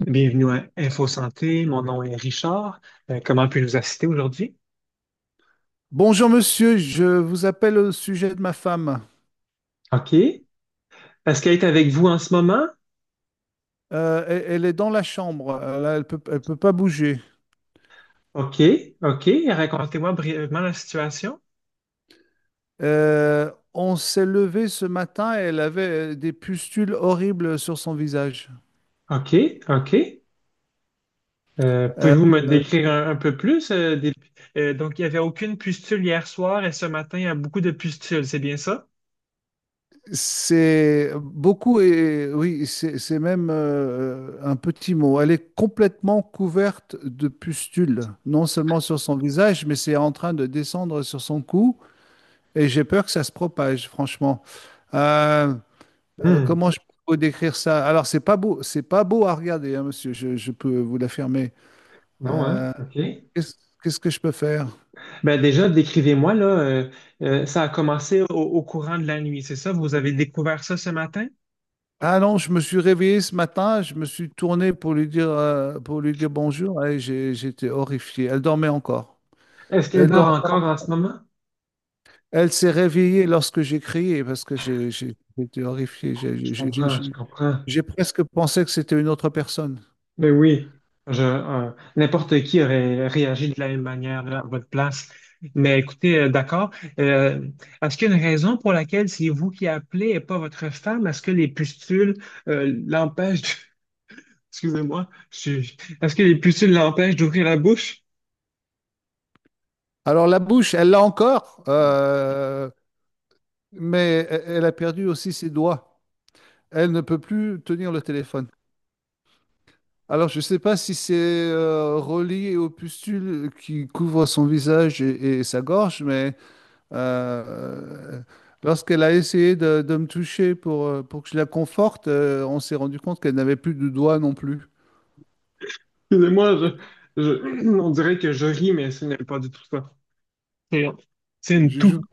Bienvenue à Info Santé. Mon nom est Richard. Comment puis-je vous assister aujourd'hui? Bonjour monsieur, je vous appelle au sujet de ma femme. OK. Est-ce qu'elle est avec vous en ce moment? Elle, elle est dans la chambre, elle, elle peut pas bouger. OK, OK. Racontez-moi brièvement la situation. On s'est levé ce matin et elle avait des pustules horribles sur son visage. OK, OK. Euh, Pouvez-vous me euh, décrire un peu plus? Donc, il n'y avait aucune pustule hier soir et ce matin, il y a beaucoup de pustules, c'est bien ça? c'est beaucoup et oui, c'est même un petit mot. Elle est complètement couverte de pustules, non seulement sur son visage, mais c'est en train de descendre sur son cou et j'ai peur que ça se propage, franchement. Euh, Hmm. Comment je peux décrire ça? Alors, c'est pas beau à regarder, hein, monsieur, je peux vous l'affirmer. Non, hein? Euh, OK. qu'est-ce, qu'est-ce que je peux faire? Ben déjà, décrivez-moi, ça a commencé au courant de la nuit, c'est ça? Vous avez découvert ça ce matin? Ah non, je me suis réveillé ce matin, je me suis tourné pour lui dire bonjour et j'étais horrifié. Elle dormait encore. Est-ce qu'elle Elle, dort dor- encore en ce moment? Elle s'est réveillée lorsque j'ai crié parce que j'étais horrifié. Je comprends, je comprends. J'ai presque pensé que c'était une autre personne. Mais oui, n'importe qui aurait réagi de la même manière là, à votre place. Mais écoutez, d'accord. Euh, Est-ce qu'il y a une raison pour laquelle c'est vous qui appelez et pas votre femme? Est-ce que les pustules l'empêchent de- Excusez-moi, je suis- est-ce que les pustules l'empêchent d'ouvrir la bouche? Alors la bouche, elle l'a encore, mais elle a perdu aussi ses doigts. Elle ne peut plus tenir le téléphone. Alors je ne sais pas si c'est relié aux pustules qui couvrent son visage et sa gorge, mais… Euh, lorsqu'elle a essayé de me toucher pour que je la conforte, on s'est rendu compte qu'elle n'avait plus de doigts non plus. Excusez-moi, on dirait que je ris, mais ce n'est pas du tout ça. C'est c'est une Je, je- toux.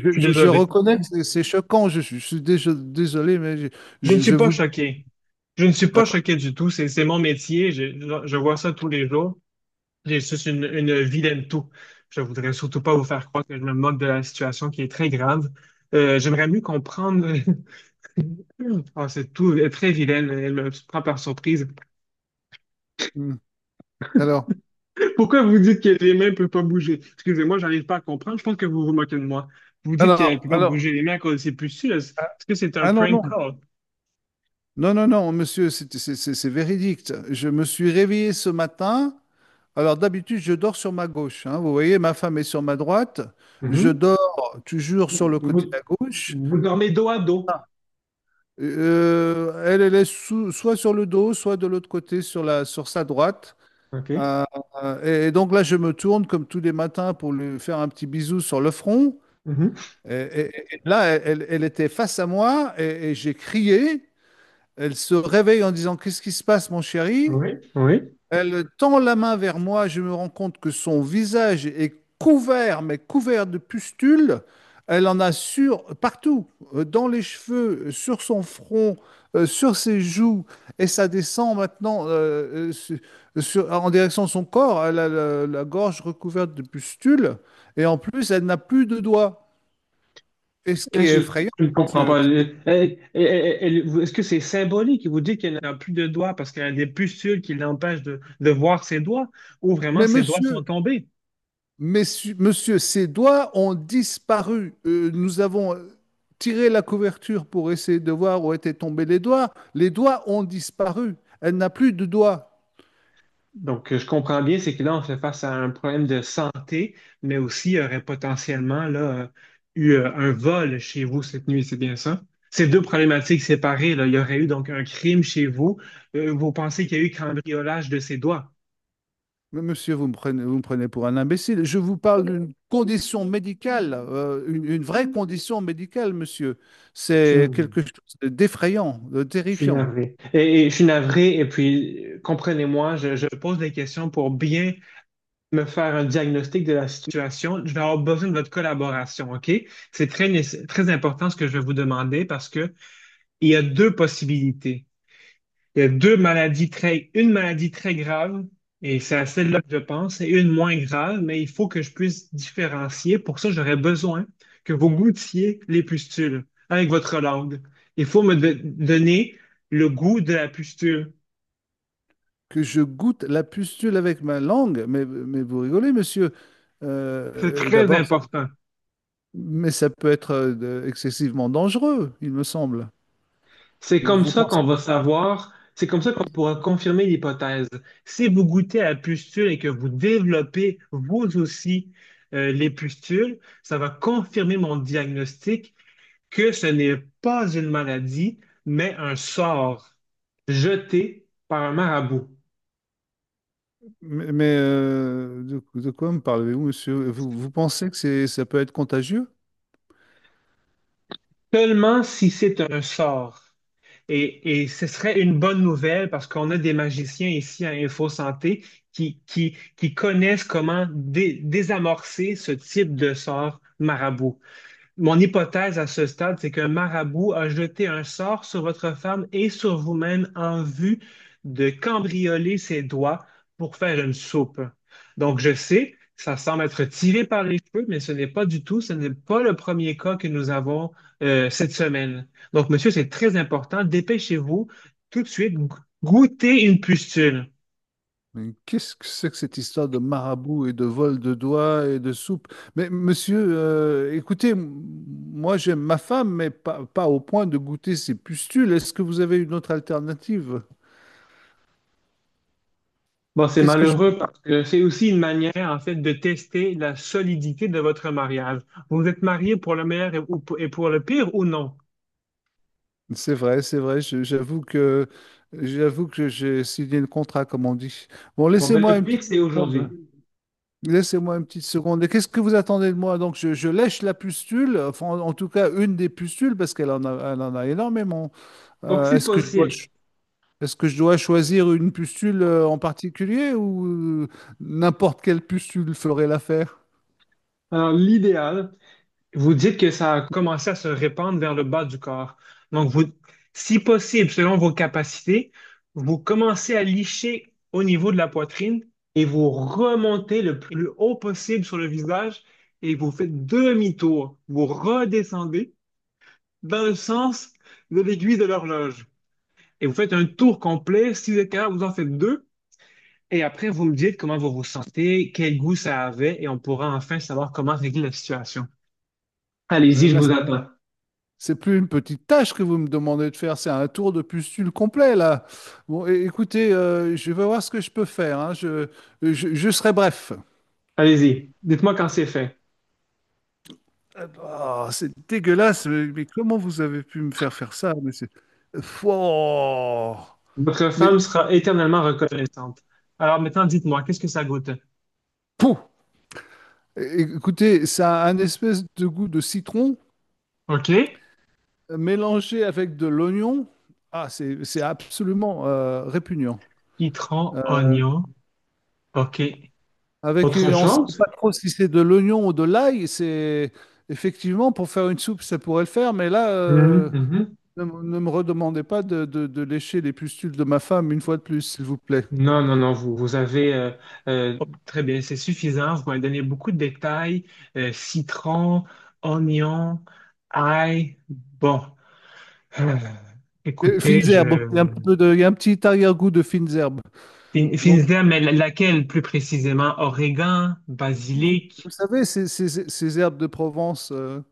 suis je désolé. reconnais que c'est choquant, je suis désolé, mais Je ne suis je pas vous… choqué. Je ne suis pas D'accord. choqué du tout. C'est mon métier. Je vois ça tous les jours. J'ai juste une vilaine toux. Je voudrais surtout pas vous faire croire que je me moque de la situation qui est très grave. J'aimerais mieux comprendre. Ah, c'est tout très vilaine. Elle me prend par surprise. Hmm. Alors, Pourquoi vous dites que les mains ne peuvent pas bouger? Excusez-moi, j'arrive pas à comprendre. Je pense que vous vous moquez de moi. Vous dites qu'elle ne alors, peut pas bouger alors, les mains à cause de ses pustules. Est-ce ah est-ce que c'est un non, prank non. call? Non, non, non, monsieur, c'est c'est véridique. Je me suis réveillé ce matin. Alors d'habitude, je dors sur ma gauche, hein. Vous voyez, ma femme est sur ma droite. Je Mhm. dors toujours sur Vous, le côté vous, à gauche. Vous dormez dos à dos. Elle, elle est soit sur le dos, soit de l'autre côté, sur la, sur sa droite. OK. Euh, et donc là, je me tourne comme tous les matins pour lui faire un petit bisou sur le front. Mhm. Et, et là, elle, elle était face à moi et j'ai crié. Elle se réveille en disant, «Qu'est-ce qui se passe, mon chéri?» Oui, oui. Elle tend la main vers moi, je me rends compte que son visage est couvert, mais couvert de pustules. Elle en a sur partout, dans les cheveux, sur son front, sur ses joues, et ça descend maintenant en direction de son corps. Elle a la, la gorge recouverte de pustules, et en plus, elle n'a plus de doigts. Et ce qui Et est Je, effrayant, je ne comprends monsieur, pas. Est-ce que c'est symbolique? Il vous dit qu'elle n'a plus de doigts parce qu'elle a des pustules qui l'empêchent de voir ses doigts, ou vraiment mais ses doigts monsieur, sont tombés? Monsieur, ces doigts ont disparu. Nous avons tiré la couverture pour essayer de voir où étaient tombés les doigts. Les doigts ont disparu. Elle n'a plus de doigts. Donc, je comprends bien, c'est que là, on fait face à un problème de santé, mais aussi il y aurait potentiellement là, eu un vol chez vous cette nuit, c'est bien ça? Ces deux problématiques séparées, là, il y aurait eu donc un crime chez vous. Vous pensez qu'il y a eu cambriolage de ses doigts? Mais monsieur, vous me prenez pour un imbécile. Je vous parle d'une condition médicale, une vraie condition médicale, monsieur. C'est quelque chose d'effrayant, de Je suis terrifiant. navré. Et je suis navré, et puis comprenez-moi, je pose des questions pour bien me faire un diagnostic de la situation. Je vais avoir besoin de votre collaboration, OK? C'est très, nécess- très important ce que je vais vous demander parce que il y a deux possibilités. Il y a deux maladies très, une maladie très grave, et c'est à celle-là que je pense, et une moins grave, mais il faut que je puisse différencier. Pour ça, j'aurais besoin que vous goûtiez les pustules avec votre langue. Il faut me de- donner le goût de la pustule. Que je goûte la pustule avec ma langue. Mais vous rigolez, monsieur. C'est très D'abord, important. mais ça peut être excessivement dangereux, il me semble. C'est comme Vous ça pensez… qu'on va savoir, c'est comme ça qu'on pourra confirmer l'hypothèse. Si vous goûtez à la pustule et que vous développez vous aussi les pustules, ça va confirmer mon diagnostic que ce n'est pas une maladie, mais un sort jeté par un marabout. De quoi me parlez-vous, monsieur? Vous pensez que ça peut être contagieux? Seulement si c'est un sort. Et ce serait une bonne nouvelle parce qu'on a des magiciens ici à Info Santé qui connaissent comment dé- désamorcer ce type de sort marabout. Mon hypothèse à ce stade, c'est qu'un marabout a jeté un sort sur votre femme et sur vous-même en vue de cambrioler ses doigts pour faire une soupe. Donc, je sais, ça semble être tiré par les cheveux, mais ce n'est pas du tout, ce n'est pas le premier cas que nous avons cette semaine. Donc, monsieur, c'est très important. Dépêchez-vous tout de suite, go- goûtez une pustule. Mais qu'est-ce que c'est que cette histoire de marabout et de vol de doigts et de soupe? Mais monsieur, écoutez, moi j'aime ma femme, mais pas, pas au point de goûter ses pustules. Est-ce que vous avez une autre alternative? Bon, c'est Qu'est-ce que je… malheureux parce que c'est aussi une manière, en fait, de tester la solidité de votre mariage. Vous êtes marié pour le meilleur et, ou pour le pire ou non? C'est vrai, j'avoue que j'ai signé le contrat, comme on dit. Bon, Bon, ben, laissez-moi le une pire, petite c'est aujourd'hui. seconde. Laissez-moi une petite seconde. Et qu'est-ce que vous attendez de moi? Donc, je lèche la pustule, enfin, en tout cas, une des pustules, parce qu'elle en a, elle en a énormément. Donc, Euh, c'est est-ce que je dois possible. Est-ce que je dois choisir une pustule en particulier ou euh, n'importe quelle pustule ferait l'affaire? Alors, l'idéal, vous dites que ça a commencé à se répandre vers le bas du corps. Donc, vous, si possible, selon vos capacités, vous commencez à licher au niveau de la poitrine et vous remontez le plus haut possible sur le visage et vous faites demi-tour. Vous redescendez dans le sens de l'aiguille de l'horloge. Et vous faites un tour complet. Si vous êtes capable, vous en faites deux. Et après, vous me dites comment vous ressentez, quel goût ça avait, et on pourra enfin savoir comment régler la situation. Là, Allez-y, je là, vous attends. c'est plus une petite tâche que vous me demandez de faire, c'est un tour de pustule complet là. Bon, écoutez, je vais voir ce que je peux faire, hein. Je serai bref. Allez-y. Dites-moi quand c'est fait. Oh, c'est dégueulasse, mais comment vous avez pu me faire faire ça? Mais c'est… Pouah! Votre Mais femme sera éternellement reconnaissante. Alors maintenant, dites-moi, qu'est-ce que ça goûte? pouf! Écoutez, ça a un espèce de goût de citron OK. Mélangé avec de l'oignon. Ah, c'est absolument répugnant. Citron, Euh, oignon. OK. avec Autre on ne sait chose? pas trop si c'est de l'oignon ou de l'ail. C'est effectivement pour faire une soupe, ça pourrait le faire, mais là, Mhm, mhm. Ne me redemandez pas de, de lécher les pustules de ma femme une fois de plus, s'il vous plaît. Non, non, non, vous avez euh, très bien, c'est suffisant. Vous m'avez donné beaucoup de détails, citron, oignon, ail. Bon, Euh, Et écoutez, fines je herbes, il y a un petit peu il y a un petit arrière-goût de fines herbes. fin- Donc, finissez, mais la- laquelle plus précisément? Origan, vous, vous basilic, savez, ces herbes de Provence.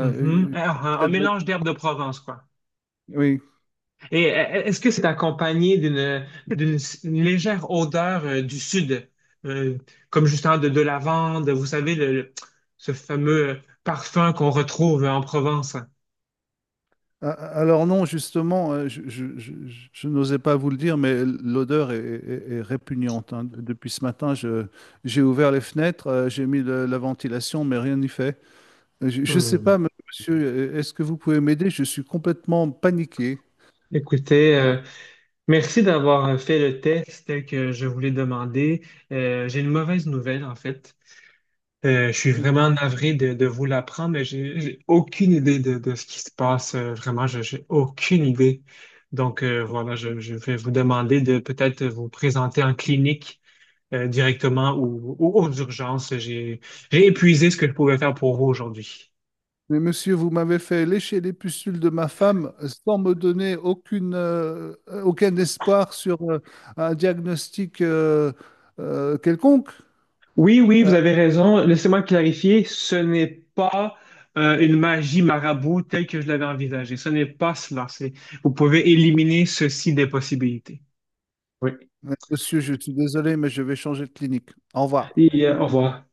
mhm. Ah, ah, un euh, mélange d'herbes de Provence, quoi. Oui. Et est-ce que c'est accompagné d'une légère odeur du sud, euh, comme justement de lavande, vous savez, ce fameux parfum qu'on retrouve en Provence? Alors non, justement, je n'osais pas vous le dire, mais l'odeur est répugnante, hein. Depuis ce matin, j'ai ouvert les fenêtres, j'ai mis la ventilation, mais rien n'y fait. Je ne sais pas, Hmm. monsieur, est-ce que vous pouvez m'aider? Je suis complètement paniqué. Écoutez, merci d'avoir fait le test que je voulais demander. J'ai une mauvaise nouvelle, en fait. Je suis Euh, vraiment navré de vous l'apprendre, mais j'ai aucune idée de ce qui se passe. Vraiment, j'ai aucune idée. Donc, voilà, je vais vous demander de peut-être vous présenter en clinique directement ou aux urgences. J'ai épuisé ce que je pouvais faire pour vous aujourd'hui. Mais monsieur, vous m'avez fait lécher les pustules de ma femme sans me donner aucune, aucun espoir sur un diagnostic quelconque. Oui, oui, vous avez raison. Laissez-moi clarifier, ce n'est pas une magie marabout telle que je l'avais envisagée. Ce n'est pas cela. C'est, vous pouvez éliminer ceci des possibilités. Oui. Monsieur, je suis désolé, mais je vais changer de clinique. Au revoir. Et au revoir.